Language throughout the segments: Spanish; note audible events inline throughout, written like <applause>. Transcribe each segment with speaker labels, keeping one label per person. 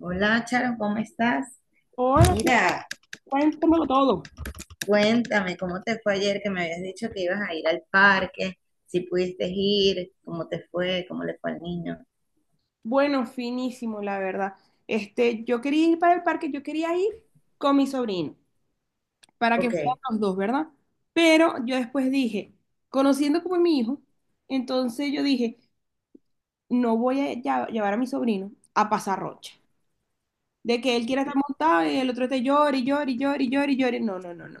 Speaker 1: Hola, Charo, ¿cómo estás?
Speaker 2: Hola,
Speaker 1: Mira,
Speaker 2: cuéntamelo todo.
Speaker 1: cuéntame, ¿cómo te fue ayer que me habías dicho que ibas a ir al parque? Si pudiste ir, ¿cómo te fue? ¿Cómo le fue al niño?
Speaker 2: Bueno, finísimo, la verdad. Yo quería ir para el parque, yo quería ir con mi sobrino, para que
Speaker 1: Ok.
Speaker 2: fueran los dos, ¿verdad? Pero yo después dije, conociendo como es mi hijo, entonces yo dije, no voy a llevar a mi sobrino a pasar rocha. De que él quiera estar montado y el otro esté llore, y llore, y llore, y llore, y llore. No, no, no, no, no.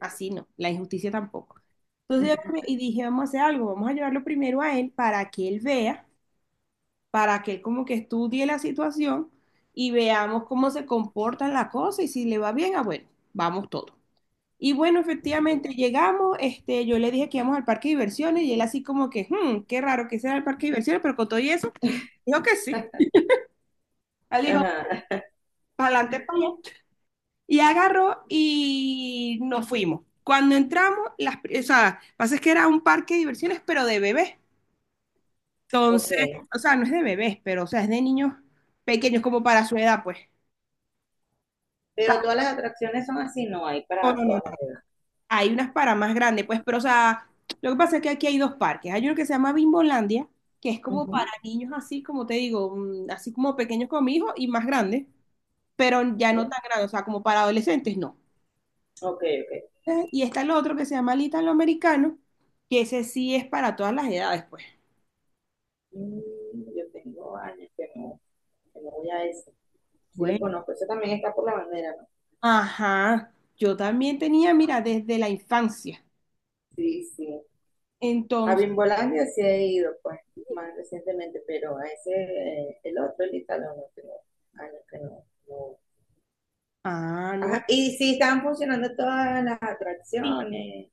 Speaker 2: Así no, la injusticia tampoco. Entonces y dije, vamos a hacer algo, vamos a llevarlo primero a él para que él vea, para que él como que estudie la situación y veamos cómo se comportan las cosas, y si le va bien, ah, bueno, vamos todos. Y bueno, efectivamente llegamos, yo le dije que íbamos al parque de diversiones y él así como que, "Hmm, qué raro que sea el parque de diversiones", pero con todo y eso, dijo que sí. Él dijo,
Speaker 1: Ajá.
Speaker 2: para adelante, para allá. Y agarró y nos fuimos. Cuando entramos, o sea, pasa es que era un parque de diversiones, pero de bebés.
Speaker 1: <laughs> Ok.
Speaker 2: Entonces, o sea, no es de bebés, pero o sea, es de niños pequeños como para su edad, pues.
Speaker 1: Pero todas las atracciones son así, ¿no hay
Speaker 2: No,
Speaker 1: para
Speaker 2: no, no,
Speaker 1: todas las edades?
Speaker 2: hay unas para más grandes, pues, pero o sea, lo que pasa es que aquí hay dos parques. Hay uno que se llama Bimbolandia, que es como para
Speaker 1: Ujú.
Speaker 2: niños así, como te digo, así como pequeños como mi hijo y más grandes, pero ya no tan grandes, o sea, como para adolescentes, no.
Speaker 1: Ok, ok, ok.
Speaker 2: Y está el otro que se llama Little Americano, que ese sí es para todas las edades, pues.
Speaker 1: Mm, yo tengo años que no voy a eso. Sí los
Speaker 2: Bueno,
Speaker 1: conozco, eso también está por la bandera, ¿no?
Speaker 2: ajá, yo también tenía, mira, desde la infancia.
Speaker 1: Sí, sí. A
Speaker 2: Entonces,
Speaker 1: Bimbolandia sí he ido, pues, más recientemente, pero a ese, el otro, el Italo, no tengo años que no, no.
Speaker 2: ah, no.
Speaker 1: Ajá, y sí estaban funcionando todas las atracciones.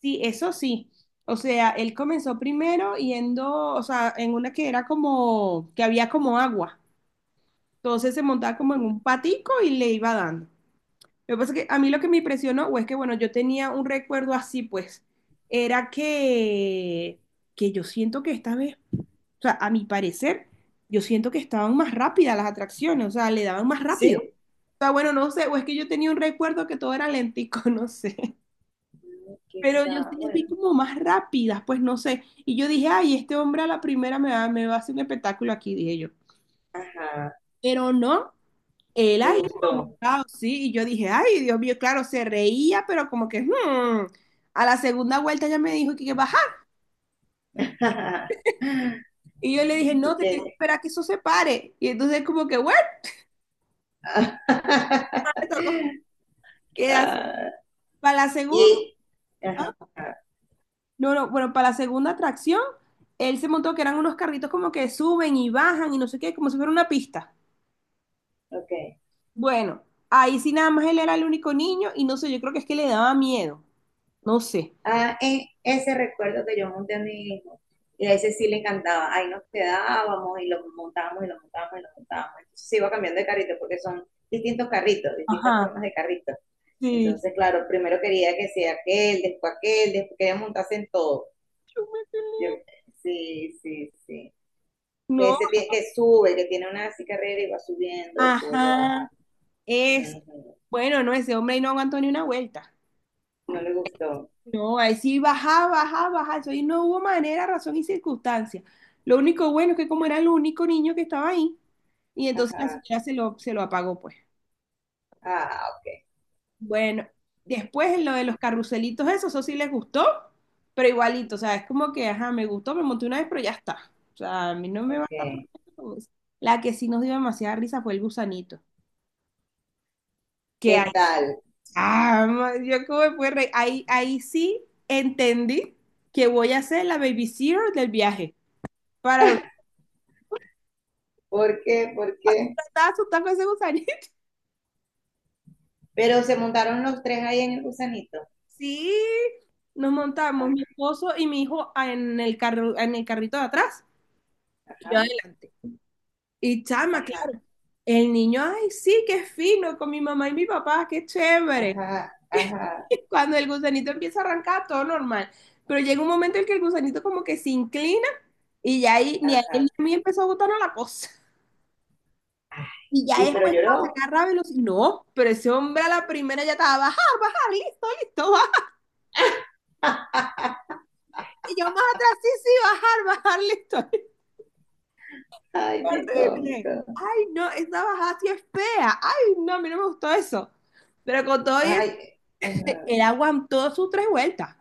Speaker 2: Sí, eso sí. O sea, él comenzó primero yendo, o sea, en una que era como, que había como agua. Entonces se montaba como en un patico y le iba dando. Lo que pasa es que a mí lo que me impresionó, o es que, bueno, yo tenía un recuerdo así, pues, era que yo siento que esta vez, o sea, a mi parecer, yo siento que estaban más rápidas las atracciones, o sea, le daban más rápido.
Speaker 1: Sí.
Speaker 2: O sea, bueno, no sé, o es que yo tenía un recuerdo que todo era lentico, <laughs> no sé.
Speaker 1: Mm,
Speaker 2: Pero yo
Speaker 1: quizá,
Speaker 2: sí las
Speaker 1: bueno,
Speaker 2: vi como más rápidas, pues no sé. Y yo dije, ay, este hombre a la primera me va a hacer un espectáculo aquí, dije yo.
Speaker 1: ajá,
Speaker 2: Pero no, él
Speaker 1: le
Speaker 2: ahí
Speaker 1: gustó.
Speaker 2: montado, sí. Y yo dije, ay, Dios mío, claro, se reía, pero como que, hmm. A la segunda vuelta ya me dijo que bajar.
Speaker 1: <laughs>
Speaker 2: Y yo le dije, no,
Speaker 1: Y
Speaker 2: te tienes que
Speaker 1: que,
Speaker 2: esperar a que eso se pare. Y entonces como que, bueno, le
Speaker 1: <laughs>
Speaker 2: tocó quedarse.
Speaker 1: ah,
Speaker 2: Para la segunda,
Speaker 1: y,
Speaker 2: ¿ah?
Speaker 1: ajá,
Speaker 2: No, no, bueno, para la segunda atracción, él se montó que eran unos carritos como que suben y bajan y no sé qué, como si fuera una pista.
Speaker 1: ok.
Speaker 2: Bueno, ahí sí nada más él era el único niño y no sé, yo creo que es que le daba miedo, no sé.
Speaker 1: Ah, ese recuerdo que yo monté a mi hijo, y a ese sí le encantaba, ahí nos quedábamos y lo montábamos y lo montábamos y lo montábamos. Entonces se iba cambiando de carrito porque son distintos carritos, distintas
Speaker 2: Ajá,
Speaker 1: formas de carritos.
Speaker 2: sí.
Speaker 1: Entonces, claro, primero quería que sea aquel, después quería montarse en todo. Yo, sí, sí, sí. Que
Speaker 2: No,
Speaker 1: ese que sube, que tiene una así carrera y va subiendo, después lo
Speaker 2: ajá,
Speaker 1: baja.
Speaker 2: es.
Speaker 1: Ujú.
Speaker 2: Bueno, no, ese hombre ahí no aguantó ni una vuelta.
Speaker 1: No le gustó.
Speaker 2: No, ahí sí bajaba, bajaba, bajaba. Eso ahí no hubo manera, razón y circunstancia. Lo único bueno es que como era el único niño que estaba ahí, y entonces la
Speaker 1: Ajá.
Speaker 2: señora se lo apagó, pues.
Speaker 1: Ah, ok,
Speaker 2: Bueno, después en lo de los carruselitos, eso sí les gustó, pero igualito, o sea, es como que, ajá, me gustó, me monté una vez, pero ya está. O sea, a mí no me va a estar
Speaker 1: ok.
Speaker 2: poniendo con eso. La que sí nos dio demasiada risa fue el gusanito. Que ahí,
Speaker 1: ¿Qué tal?
Speaker 2: ah, yo como me pude reír. Ahí, ahí sí entendí que voy a ser la baby zero del viaje. Para ver,
Speaker 1: ¿Por qué? ¿Por qué?
Speaker 2: estaba asustada con ese gusanito. <laughs>
Speaker 1: Pero se montaron los tres ahí en el gusanito.
Speaker 2: Sí, nos montamos mi esposo y mi hijo en el carro, en el carrito de atrás, y
Speaker 1: Ajá,
Speaker 2: yo adelante. Y chama,
Speaker 1: ajá,
Speaker 2: claro. El niño, ay, sí, qué fino, con mi mamá y mi papá, qué chévere.
Speaker 1: ajá,
Speaker 2: <laughs>
Speaker 1: ajá,
Speaker 2: Cuando el gusanito empieza a arrancar, todo normal. Pero llega un momento en que el gusanito como que se inclina y ya ahí, ni a él ni
Speaker 1: ajá.
Speaker 2: a mí empezó a gustarnos la cosa. Y ya
Speaker 1: Y pero
Speaker 2: después cuando
Speaker 1: lloró.
Speaker 2: agarra velocidad, no, pero ese hombre a la primera ya estaba, bajar, bajar, listo, listo, bajar. Y yo más atrás, sí, sí, bajar, bajar, listo. <laughs>
Speaker 1: Ay, qué
Speaker 2: Horrible.
Speaker 1: cómico.
Speaker 2: Ay, no, esa bajada sí es fea. Ay, no, a mí no me gustó eso. Pero con todo eso,
Speaker 1: Ay, ajá.
Speaker 2: él aguantó sus tres vueltas.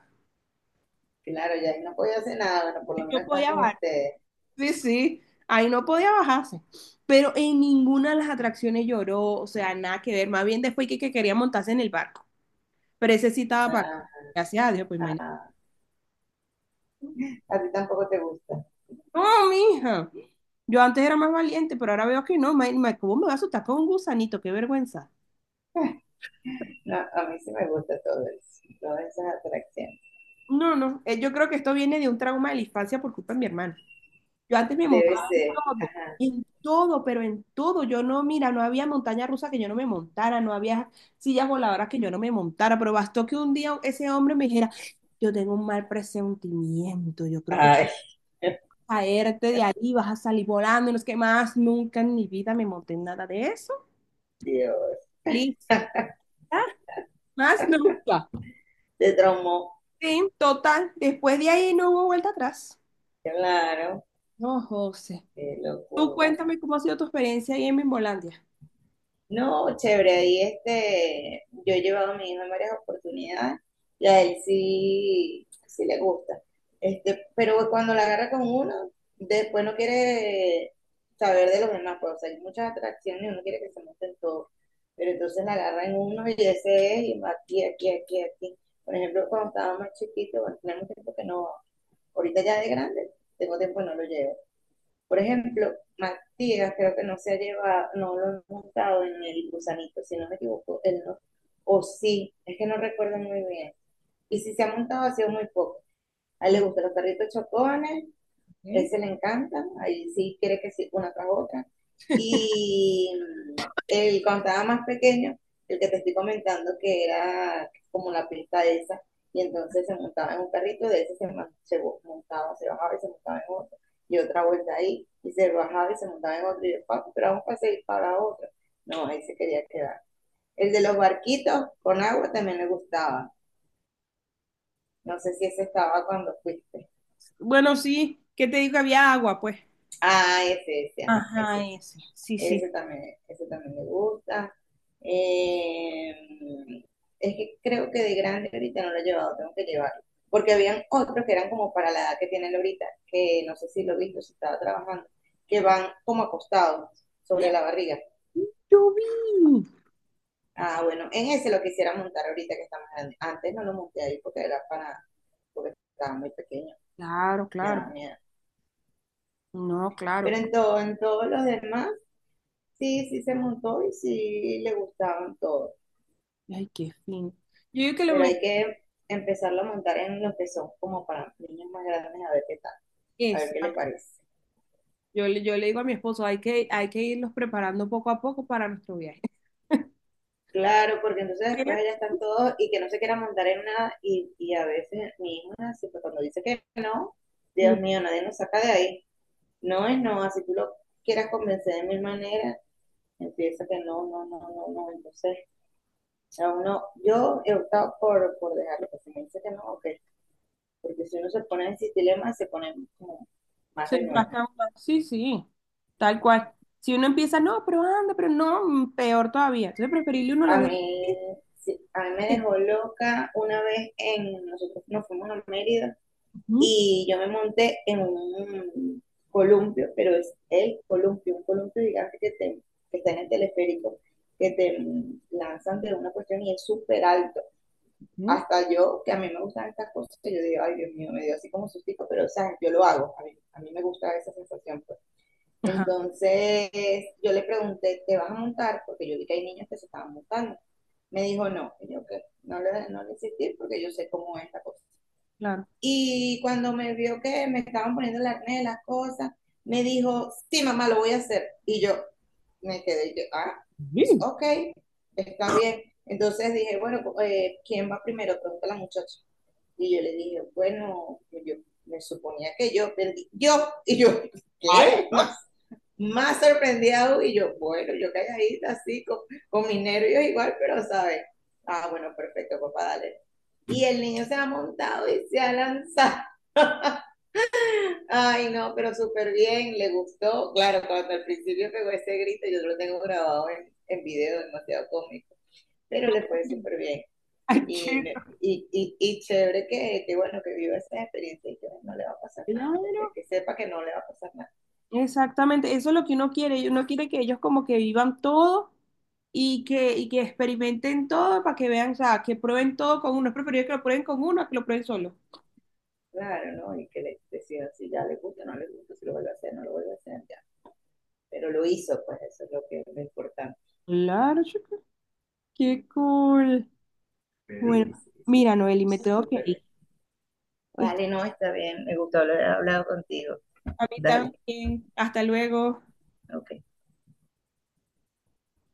Speaker 1: Claro, ya ahí no podía hacer nada, bueno, por lo menos
Speaker 2: No
Speaker 1: estaba
Speaker 2: podía
Speaker 1: con
Speaker 2: bajar.
Speaker 1: ustedes.
Speaker 2: Sí, sí, ahí no podía bajarse. Pero en ninguna de las atracciones lloró, o sea, nada que ver. Más bien después que quería montarse en el barco. Pero ese sí estaba
Speaker 1: Ah,
Speaker 2: pagado. Gracias a Dios, pues imagínate.
Speaker 1: ah. A ti tampoco te gusta.
Speaker 2: No, mija. Yo antes era más valiente, pero ahora veo que no. ¿Cómo me va a asustar con un gusanito? Qué vergüenza.
Speaker 1: No, a mí sí me gusta todo eso, todas esas atracciones.
Speaker 2: No, no. Yo creo que esto viene de un trauma de la infancia por culpa de mi hermano. Yo antes me
Speaker 1: Debe ser.
Speaker 2: todo,
Speaker 1: Ajá.
Speaker 2: en todo, pero en todo. Yo no, mira, no había montaña rusa que yo no me montara, no había sillas voladoras que yo no me montara, pero bastó que un día ese hombre me dijera, yo tengo un mal presentimiento, yo creo que
Speaker 1: Ay, <laughs>
Speaker 2: caerte de ahí, vas a salir volando, y no es que más nunca en mi vida me monté en nada de eso.
Speaker 1: Dios.
Speaker 2: Listo. Más nunca.
Speaker 1: Te traumó.
Speaker 2: Sí, total. Después de ahí no hubo vuelta atrás.
Speaker 1: Claro,
Speaker 2: No, José.
Speaker 1: qué
Speaker 2: Tú
Speaker 1: locura.
Speaker 2: cuéntame cómo ha sido tu experiencia ahí en Mimbolandia.
Speaker 1: No, chévere, ahí este, yo he llevado a mi hijo en varias oportunidades y a él sí, sí le gusta. Este, pero cuando la agarra con uno, después no quiere saber de los demás, pues, o sea, hay muchas atracciones y uno quiere que se monten todos. Pero entonces la agarra en uno y ese es, y va aquí, aquí, aquí, aquí. Por ejemplo, cuando estaba más chiquito, bueno, tenemos tiempo que no, ahorita ya de grande, tengo tiempo que no lo llevo. Por ejemplo, Matías creo que no se ha llevado, no lo hemos montado en el gusanito, si no me equivoco, él no, o sí, es que no recuerdo muy bien. Y si se ha montado ha sido muy poco. A él le gustan los carritos chocones,
Speaker 2: Ok.
Speaker 1: ese le encanta, ahí sí quiere que sí, una tras otra. Y Cuando estaba más pequeño, el que te estoy comentando que era como la pista de esa, y entonces se montaba en un carrito, de ese se, man- se bo- montaba, se bajaba y se montaba en otro, y otra vuelta ahí, y se bajaba y se montaba en otro, y yo, "Papi, pero vamos a seguir para otro". No, ahí se quería quedar. El de los barquitos con agua también le gustaba. No sé si ese estaba cuando fuiste.
Speaker 2: Bueno, sí, ¿qué te digo? Había agua, pues.
Speaker 1: Ah, ese, ajá,
Speaker 2: Ajá,
Speaker 1: ese. Sí.
Speaker 2: ese. Sí, sí.
Speaker 1: Ese también le gusta. Eh, es que creo que de grande ahorita no lo he llevado, tengo que llevarlo. Porque habían otros que eran como para la edad que tiene él ahorita, que no sé si lo he visto, si estaba trabajando, que van como acostados sobre
Speaker 2: ¡Ah!
Speaker 1: la barriga.
Speaker 2: Yo vi.
Speaker 1: Ah, bueno, en ese lo quisiera montar ahorita que está más grande. Antes no lo monté ahí porque estaba muy pequeño,
Speaker 2: Claro,
Speaker 1: me daba
Speaker 2: claro.
Speaker 1: miedo.
Speaker 2: No, claro.
Speaker 1: Pero en todo, en todos los demás, sí, sí se montó y sí le gustaban todos.
Speaker 2: Ay, qué fino. Yo digo que lo
Speaker 1: Pero
Speaker 2: mejor
Speaker 1: hay que empezarlo a montar en los que son como para niños más grandes a ver qué tal, a
Speaker 2: es,
Speaker 1: ver qué le parece.
Speaker 2: yo, yo le digo a mi esposo, hay que irlos preparando poco a poco para nuestro viaje.
Speaker 1: Claro, porque entonces
Speaker 2: Pero
Speaker 1: después allá están todos y que no se quiera montar en nada y a veces mi hijo es así, pues cuando dice que no, Dios mío, nadie nos saca de ahí. No es no, así tú lo quieras convencer de mil maneras, empieza que no, no, no, no, no, entonces a uno, yo he optado por dejarlo, que si me dice que no, ok, porque si uno se pone en ese dilema se pone como más
Speaker 2: se
Speaker 1: renuente.
Speaker 2: trata, sí, sí, tal cual. Si uno empieza, no, pero anda, pero no, peor todavía. Entonces, preferible uno
Speaker 1: A
Speaker 2: los deje.
Speaker 1: mí, sí, a mí me
Speaker 2: eh,
Speaker 1: dejó loca una vez en, nosotros nos fuimos a Mérida
Speaker 2: Ujú,
Speaker 1: y yo me monté en un columpio, pero es el columpio, un columpio gigante que, te, que está en el teleférico, que te lanzan de una cuestión y es súper alto.
Speaker 2: ujú,
Speaker 1: Hasta yo, que a mí me gustan estas cosas, que yo digo, ay Dios mío, me dio así como sustico, pero o sea, yo lo hago, a mí me gusta esa sensación, pues.
Speaker 2: ajá,
Speaker 1: Entonces yo le pregunté, ¿te vas a montar? Porque yo vi que hay niños que se estaban montando. Me dijo, no, y yo que no le insistí porque yo sé cómo es la cosa.
Speaker 2: claro.
Speaker 1: Y cuando me vio que me estaban poniendo el acné, las cosas, me dijo, sí, mamá, lo voy a hacer. Y yo me quedé, yo, ah, pues,
Speaker 2: Sí,
Speaker 1: ok, está bien. Entonces dije, bueno, pues, ¿quién va primero? Pregunta la muchacha. Y yo le dije, bueno, pues, yo me suponía que yo perdí. Yo, y yo,
Speaker 2: ay,
Speaker 1: ¿qué?
Speaker 2: no.
Speaker 1: Más, más sorprendido. Y yo, bueno, yo calladita así, con mis nervios igual, pero, ¿sabes? Ah, bueno, perfecto, papá, dale, y el niño se ha montado y se ha lanzado. Ay, no, pero súper bien, le gustó. Claro, cuando al principio pegó ese grito, yo lo tengo grabado en video, demasiado cómico, pero le fue súper bien.
Speaker 2: Ay,
Speaker 1: Y,
Speaker 2: chico.
Speaker 1: me- y, y, y chévere que, bueno, que viva esa experiencia y que no le va a pasar nada, porque
Speaker 2: Claro.
Speaker 1: que sepa que no le va a pasar nada.
Speaker 2: Exactamente, eso es lo que uno quiere. Y uno quiere que ellos como que vivan todo, y que experimenten todo para que vean, o sea, que prueben todo con uno. Es preferible que lo prueben con uno a que lo prueben solo.
Speaker 1: Claro, ¿no? Y que le decida si ya le gusta, no le gusta, si lo vuelve a hacer, no lo vuelve a hacer, ya. Pero lo hizo, pues eso es lo que es lo importante.
Speaker 2: Claro, chica, qué cool.
Speaker 1: Sí,
Speaker 2: Bueno,
Speaker 1: sí, sí.
Speaker 2: mira, Noeli, me tengo que
Speaker 1: Súper
Speaker 2: ir.
Speaker 1: bien.
Speaker 2: ¿Oíste?
Speaker 1: Vale, no, está bien. Me gustó haber hablado contigo.
Speaker 2: A mí
Speaker 1: Dale,
Speaker 2: también. Hasta luego.
Speaker 1: ok.